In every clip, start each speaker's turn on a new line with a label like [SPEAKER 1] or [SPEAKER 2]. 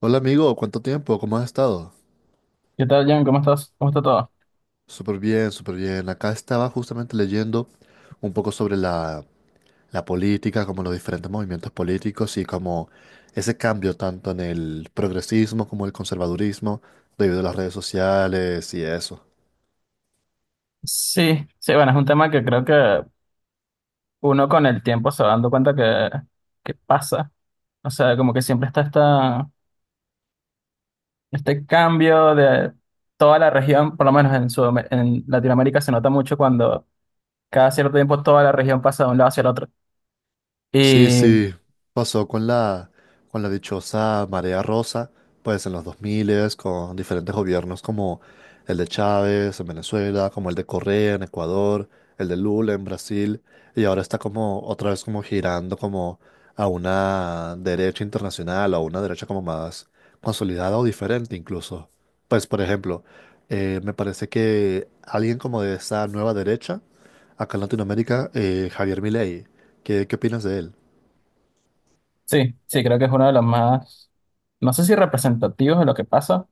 [SPEAKER 1] Hola amigo, ¿cuánto tiempo? ¿Cómo has estado?
[SPEAKER 2] ¿Qué tal, John? ¿Cómo estás? ¿Cómo está todo?
[SPEAKER 1] Súper bien, súper bien. Acá estaba justamente leyendo un poco sobre la política, como los diferentes movimientos políticos y como ese cambio tanto en el progresismo como el conservadurismo debido a las redes sociales y eso.
[SPEAKER 2] Sí, sí, bueno, es un tema que creo que uno con el tiempo se va dando cuenta que pasa. O sea, como que siempre está este cambio de toda la región, por lo menos en Sudam- en Latinoamérica se nota mucho cuando cada cierto tiempo toda la región pasa de un lado hacia el otro.
[SPEAKER 1] Sí,
[SPEAKER 2] Y
[SPEAKER 1] sí, pasó con con la dichosa marea rosa, pues en los 2000 con diferentes gobiernos como el de Chávez en Venezuela, como el de Correa en Ecuador, el de Lula en Brasil, y ahora está como otra vez como girando como a una derecha internacional, a una derecha como más consolidada o diferente incluso. Pues por ejemplo, me parece que alguien como de esa nueva derecha, acá en Latinoamérica, Javier Milei, ¿qué opinas de él?
[SPEAKER 2] sí, sí, creo que es uno de los más, no sé si representativos de lo que pasa,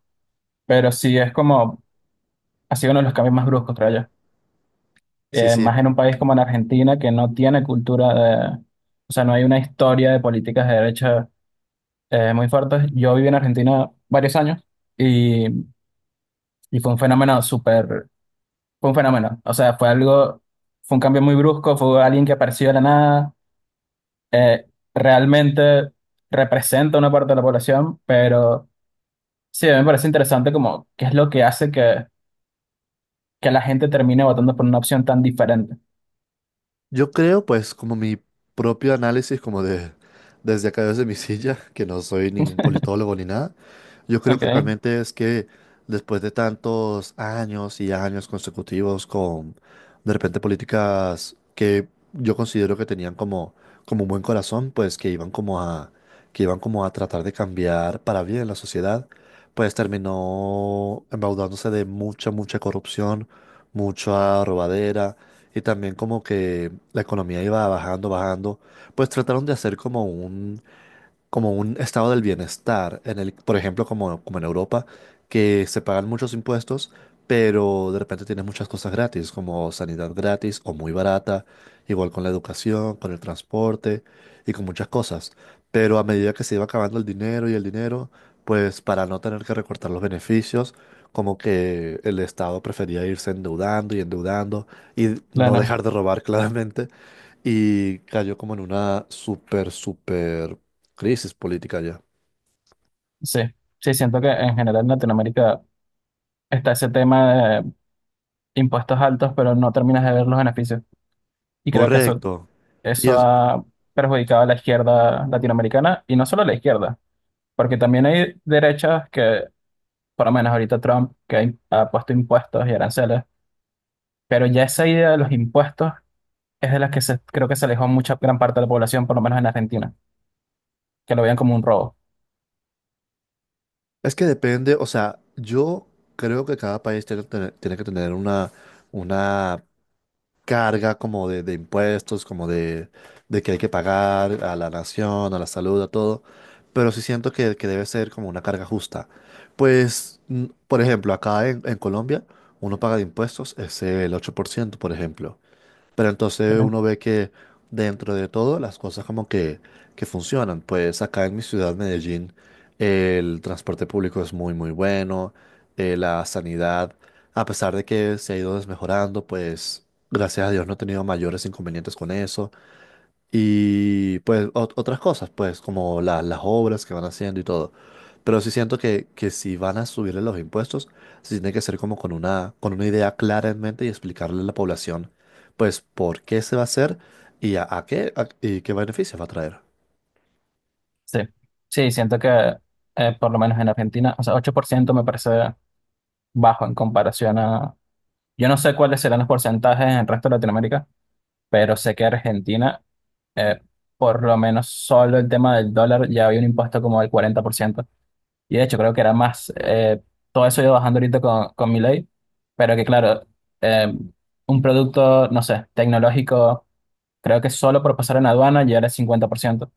[SPEAKER 2] pero sí es como, ha sido uno de los cambios más bruscos, creo yo.
[SPEAKER 1] Sí, sí.
[SPEAKER 2] Más en un país como en Argentina que no tiene cultura de, o sea, no hay una historia de políticas de derecha muy fuertes. Yo viví en Argentina varios años y, y fue un fenómeno súper, fue un fenómeno, o sea, fue algo, fue un cambio muy brusco, fue alguien que apareció de la nada, eh, realmente representa una parte de la población, pero sí, a mí me parece interesante como qué es lo que hace que la gente termine votando por una opción tan diferente.
[SPEAKER 1] Yo creo, pues, como mi propio análisis, como de desde acá desde mi silla, que no soy ningún politólogo ni nada. Yo creo
[SPEAKER 2] Ok,
[SPEAKER 1] que realmente es que después de tantos años y años consecutivos con de repente políticas que yo considero que tenían como un buen corazón, pues que iban como que iban como a tratar de cambiar para bien la sociedad, pues terminó embaudándose de mucha, mucha corrupción, mucha robadera y también como que la economía iba bajando, bajando, pues trataron de hacer como un estado del bienestar, en el, por ejemplo, como en Europa, que se pagan muchos impuestos, pero de repente tienes muchas cosas gratis, como sanidad gratis o muy barata, igual con la educación, con el transporte y con muchas cosas. Pero a medida que se iba acabando el dinero y el dinero, pues para no tener que recortar los beneficios, como que el Estado prefería irse endeudando y endeudando y no
[SPEAKER 2] claro,
[SPEAKER 1] dejar de robar claramente y cayó como en una súper, súper crisis política ya.
[SPEAKER 2] sí. Sí, siento que en general en Latinoamérica está ese tema de impuestos altos, pero no terminas de ver los beneficios. Y creo que eso,
[SPEAKER 1] Correcto. Y
[SPEAKER 2] eso
[SPEAKER 1] es,
[SPEAKER 2] ha perjudicado a la izquierda latinoamericana y no solo a la izquierda, porque también hay derechas por lo menos ahorita Trump, que ha im- ha puesto impuestos y aranceles, pero ya esa idea de los impuestos es de las que se, creo que se alejó mucha gran parte de la población, por lo menos en Argentina, que lo veían como un robo.
[SPEAKER 1] es que depende, o sea, yo creo que cada país tiene que tener una carga como de impuestos, de que hay que pagar a la nación, a la salud, a todo, pero sí siento que debe ser como una carga justa. Pues, por ejemplo, acá en Colombia uno paga de impuestos es el 8% por ejemplo. Pero entonces
[SPEAKER 2] Ujú.
[SPEAKER 1] uno ve que dentro de todo las cosas como que funcionan. Pues acá en mi ciudad, Medellín, el transporte público es muy, muy bueno. La sanidad, a pesar de que se ha ido desmejorando, pues gracias a Dios no he tenido mayores inconvenientes con eso. Y pues otras cosas, pues como las obras que van haciendo y todo. Pero sí siento que si van a subirle los impuestos, sí tiene que ser como con con una idea clara en mente y explicarle a la población, pues, por qué se va a hacer y y qué beneficios va a traer.
[SPEAKER 2] Sí, sí, siento que por lo menos en Argentina, o sea, 8% me parece bajo en comparación a. Yo no sé cuáles serán los porcentajes en el resto de Latinoamérica, pero sé que Argentina, eh, por lo menos solo el tema del dólar, ya había un impuesto como del 40%. Y de hecho, creo que era más. Todo eso iba bajando ahorita con Milei, pero que claro, eh, un producto, no sé, tecnológico, creo que solo por pasar en aduana ya era el 50%.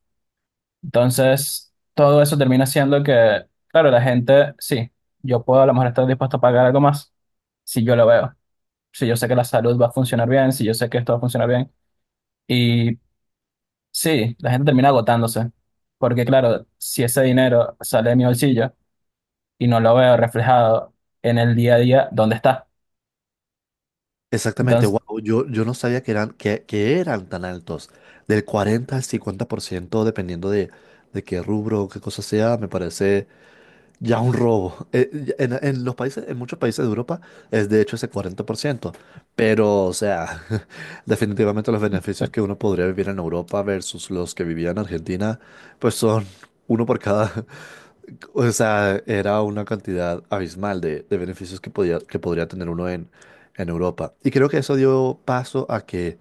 [SPEAKER 2] Entonces, todo eso termina siendo que, claro, la gente, sí, yo puedo a lo mejor estar dispuesto a pagar algo más si yo lo veo, si yo sé que la salud va a funcionar bien, si yo sé que esto va a funcionar bien. Y sí, la gente termina agotándose, porque claro, si ese dinero sale de mi bolsillo y no lo veo reflejado en el día a día, ¿dónde está?
[SPEAKER 1] Exactamente,
[SPEAKER 2] Entonces,
[SPEAKER 1] wow, yo no sabía que que eran tan altos, del 40 al 50% dependiendo de qué rubro o qué cosa sea, me parece ya un robo. En los países, en muchos países de Europa es de hecho ese 40%. Pero, o sea, definitivamente los beneficios que uno podría vivir en Europa versus los que vivía en Argentina, pues son uno por cada. O sea, era una cantidad abismal de beneficios que podía, que podría tener uno en Europa. Y creo que eso dio paso a que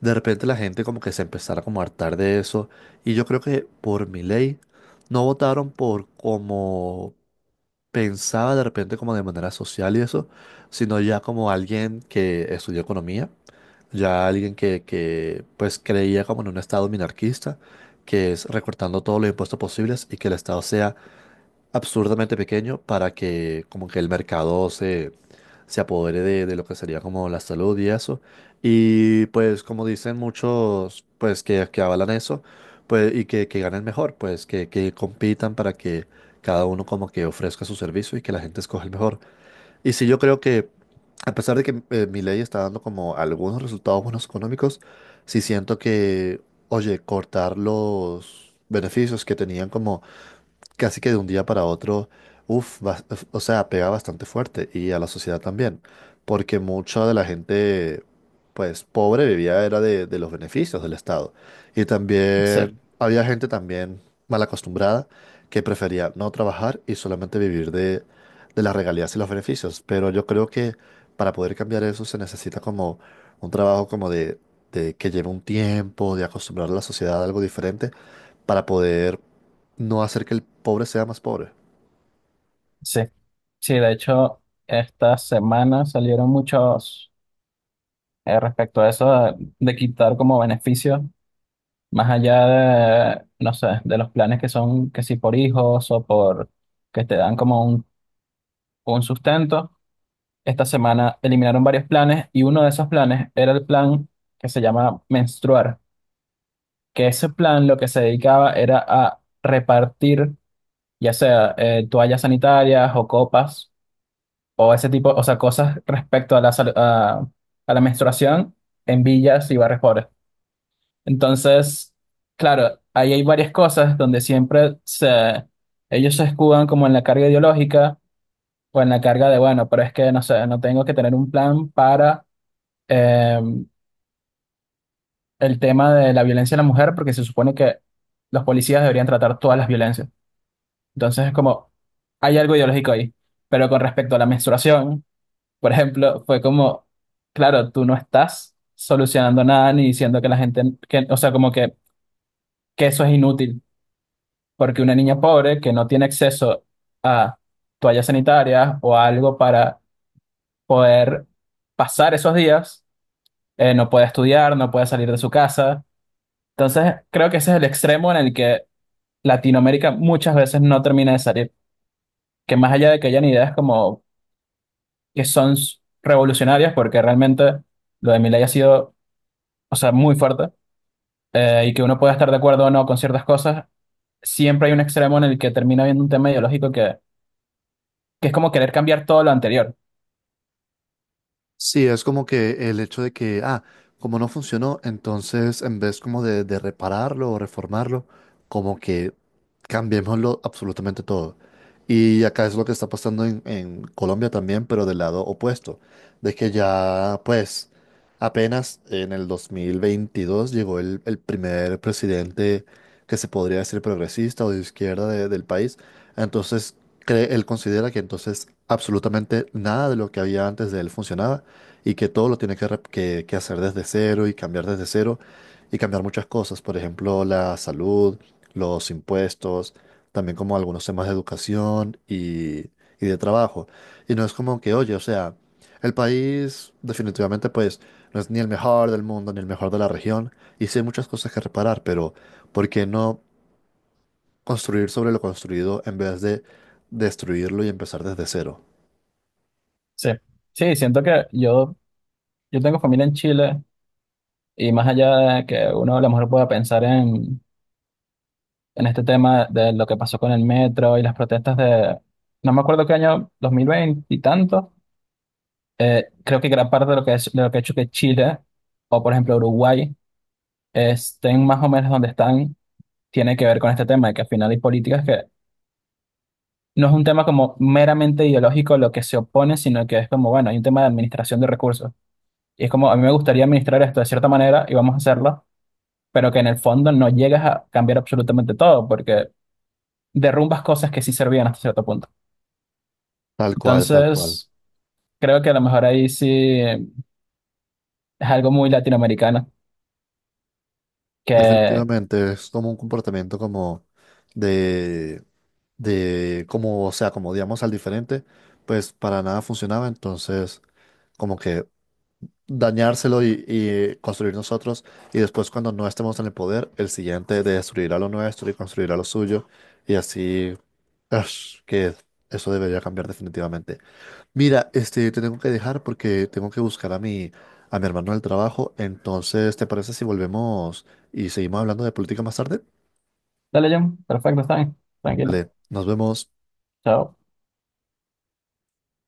[SPEAKER 1] de repente la gente como que se empezara como a hartar de eso. Y yo creo que por mi ley no votaron por como pensaba de repente como de manera social y eso, sino ya como alguien que estudió economía, ya alguien que pues creía como en un estado minarquista, que es recortando todos los impuestos posibles y que el estado sea absurdamente pequeño para que como que el mercado se apodere de lo que sería como la salud y eso. Y pues como dicen muchos pues que avalan eso pues, y que ganen mejor, pues que compitan para que cada uno como que ofrezca su servicio y que la gente escoja el mejor. Y sí, yo creo que a pesar de que mi ley está dando como algunos resultados buenos económicos, sí siento que, oye, cortar los beneficios que tenían como casi que de un día para otro, uff, o sea, pega bastante fuerte y a la sociedad también, porque mucha de la gente, pues, pobre vivía era de los beneficios del Estado. Y
[SPEAKER 2] sí,
[SPEAKER 1] también había gente también mal acostumbrada que prefería no trabajar y solamente vivir de las regalías y los beneficios. Pero yo creo que para poder cambiar eso se necesita como un trabajo como de que lleve un tiempo, de acostumbrar a la sociedad a algo diferente para poder no hacer que el pobre sea más pobre.
[SPEAKER 2] sí, sí, de hecho, esta semana salieron muchos respecto a eso de quitar como beneficio, más allá de, no sé, de los planes que son que si por hijos o por que te dan como un sustento. Esta semana eliminaron varios planes y uno de esos planes era el plan que se llama menstruar, que ese plan lo que se dedicaba era a repartir ya sea toallas sanitarias o copas o ese tipo, o sea, cosas respecto a la, sal- a la menstruación en villas y barrios pobres. Entonces, claro, ahí hay varias cosas donde siempre se, ellos se escudan como en la carga ideológica o en la carga de, bueno, pero es que no sé, no tengo que tener un plan para em, el tema de la violencia a la mujer porque se supone que los policías deberían tratar todas las violencias. Entonces es como, hay algo ideológico ahí. Pero con respecto a la menstruación, por ejemplo, fue como, claro, tú no estás solucionando nada ni diciendo que la gente, que, o sea, como que eso es inútil, porque una niña pobre que no tiene acceso a toallas sanitarias o a algo para poder pasar esos días, no puede estudiar, no puede salir de su casa. Entonces, creo que ese es el extremo en el que Latinoamérica muchas veces no termina de salir. Que más allá de que hayan ideas como que son s- revolucionarias, porque realmente lo de Milei ha sido, o sea, muy fuerte, y que uno pueda estar de acuerdo o no con ciertas cosas, siempre hay un extremo en el que termina habiendo un tema ideológico que es como querer cambiar todo lo anterior.
[SPEAKER 1] Sí, es como que el hecho de que, ah, como no funcionó, entonces en vez como de repararlo o reformarlo, como que cambiémoslo absolutamente todo. Y acá es lo que está pasando en Colombia también, pero del lado opuesto, de que ya pues apenas en el 2022 llegó el primer presidente que se podría decir progresista o de izquierda del país, entonces él considera que entonces absolutamente nada de lo que había antes de él funcionaba y que todo lo tiene que hacer desde cero y cambiar desde cero y cambiar muchas cosas, por ejemplo, la salud, los impuestos, también como algunos temas de educación y de trabajo. Y no es como que, oye, o sea, el país definitivamente pues no es ni el mejor del mundo ni el mejor de la región y sí hay muchas cosas que reparar, pero ¿por qué no construir sobre lo construido en vez de destruirlo y empezar desde cero?
[SPEAKER 2] Sí, sí, siento que yo tengo familia en Chile, y más allá de que uno a lo mejor pueda pensar en este tema de lo que pasó con el metro y las protestas de, no me acuerdo qué año, 2020 y tantos. Creo que gran parte de lo que es, de lo que ha hecho que Chile o por ejemplo Uruguay estén más o menos donde están tiene que ver con este tema de que al final hay políticas que no es un tema como meramente ideológico lo que se opone, sino que es como, bueno, hay un tema de administración de recursos. Y es como, a mí me gustaría administrar esto de cierta manera y vamos a hacerlo, pero que en el fondo no llegas a cambiar absolutamente todo porque derrumbas cosas que sí servían hasta cierto punto.
[SPEAKER 1] Tal cual, tal cual.
[SPEAKER 2] Entonces, creo que a lo mejor ahí sí es algo muy latinoamericano. Que
[SPEAKER 1] Definitivamente, es como un comportamiento como de, o sea, como digamos al diferente, pues para nada funcionaba, entonces como que dañárselo y construir nosotros, y después cuando no estemos en el poder, el siguiente de destruirá lo nuestro y construirá lo suyo, y así, ash, que eso debería cambiar definitivamente. Mira, este, te tengo que dejar porque tengo que buscar a a mi hermano del trabajo. Entonces, ¿te parece si volvemos y seguimos hablando de política más tarde?
[SPEAKER 2] dale, John. Perfecto, está bien. Tranquilo.
[SPEAKER 1] Vale, nos vemos.
[SPEAKER 2] Chao.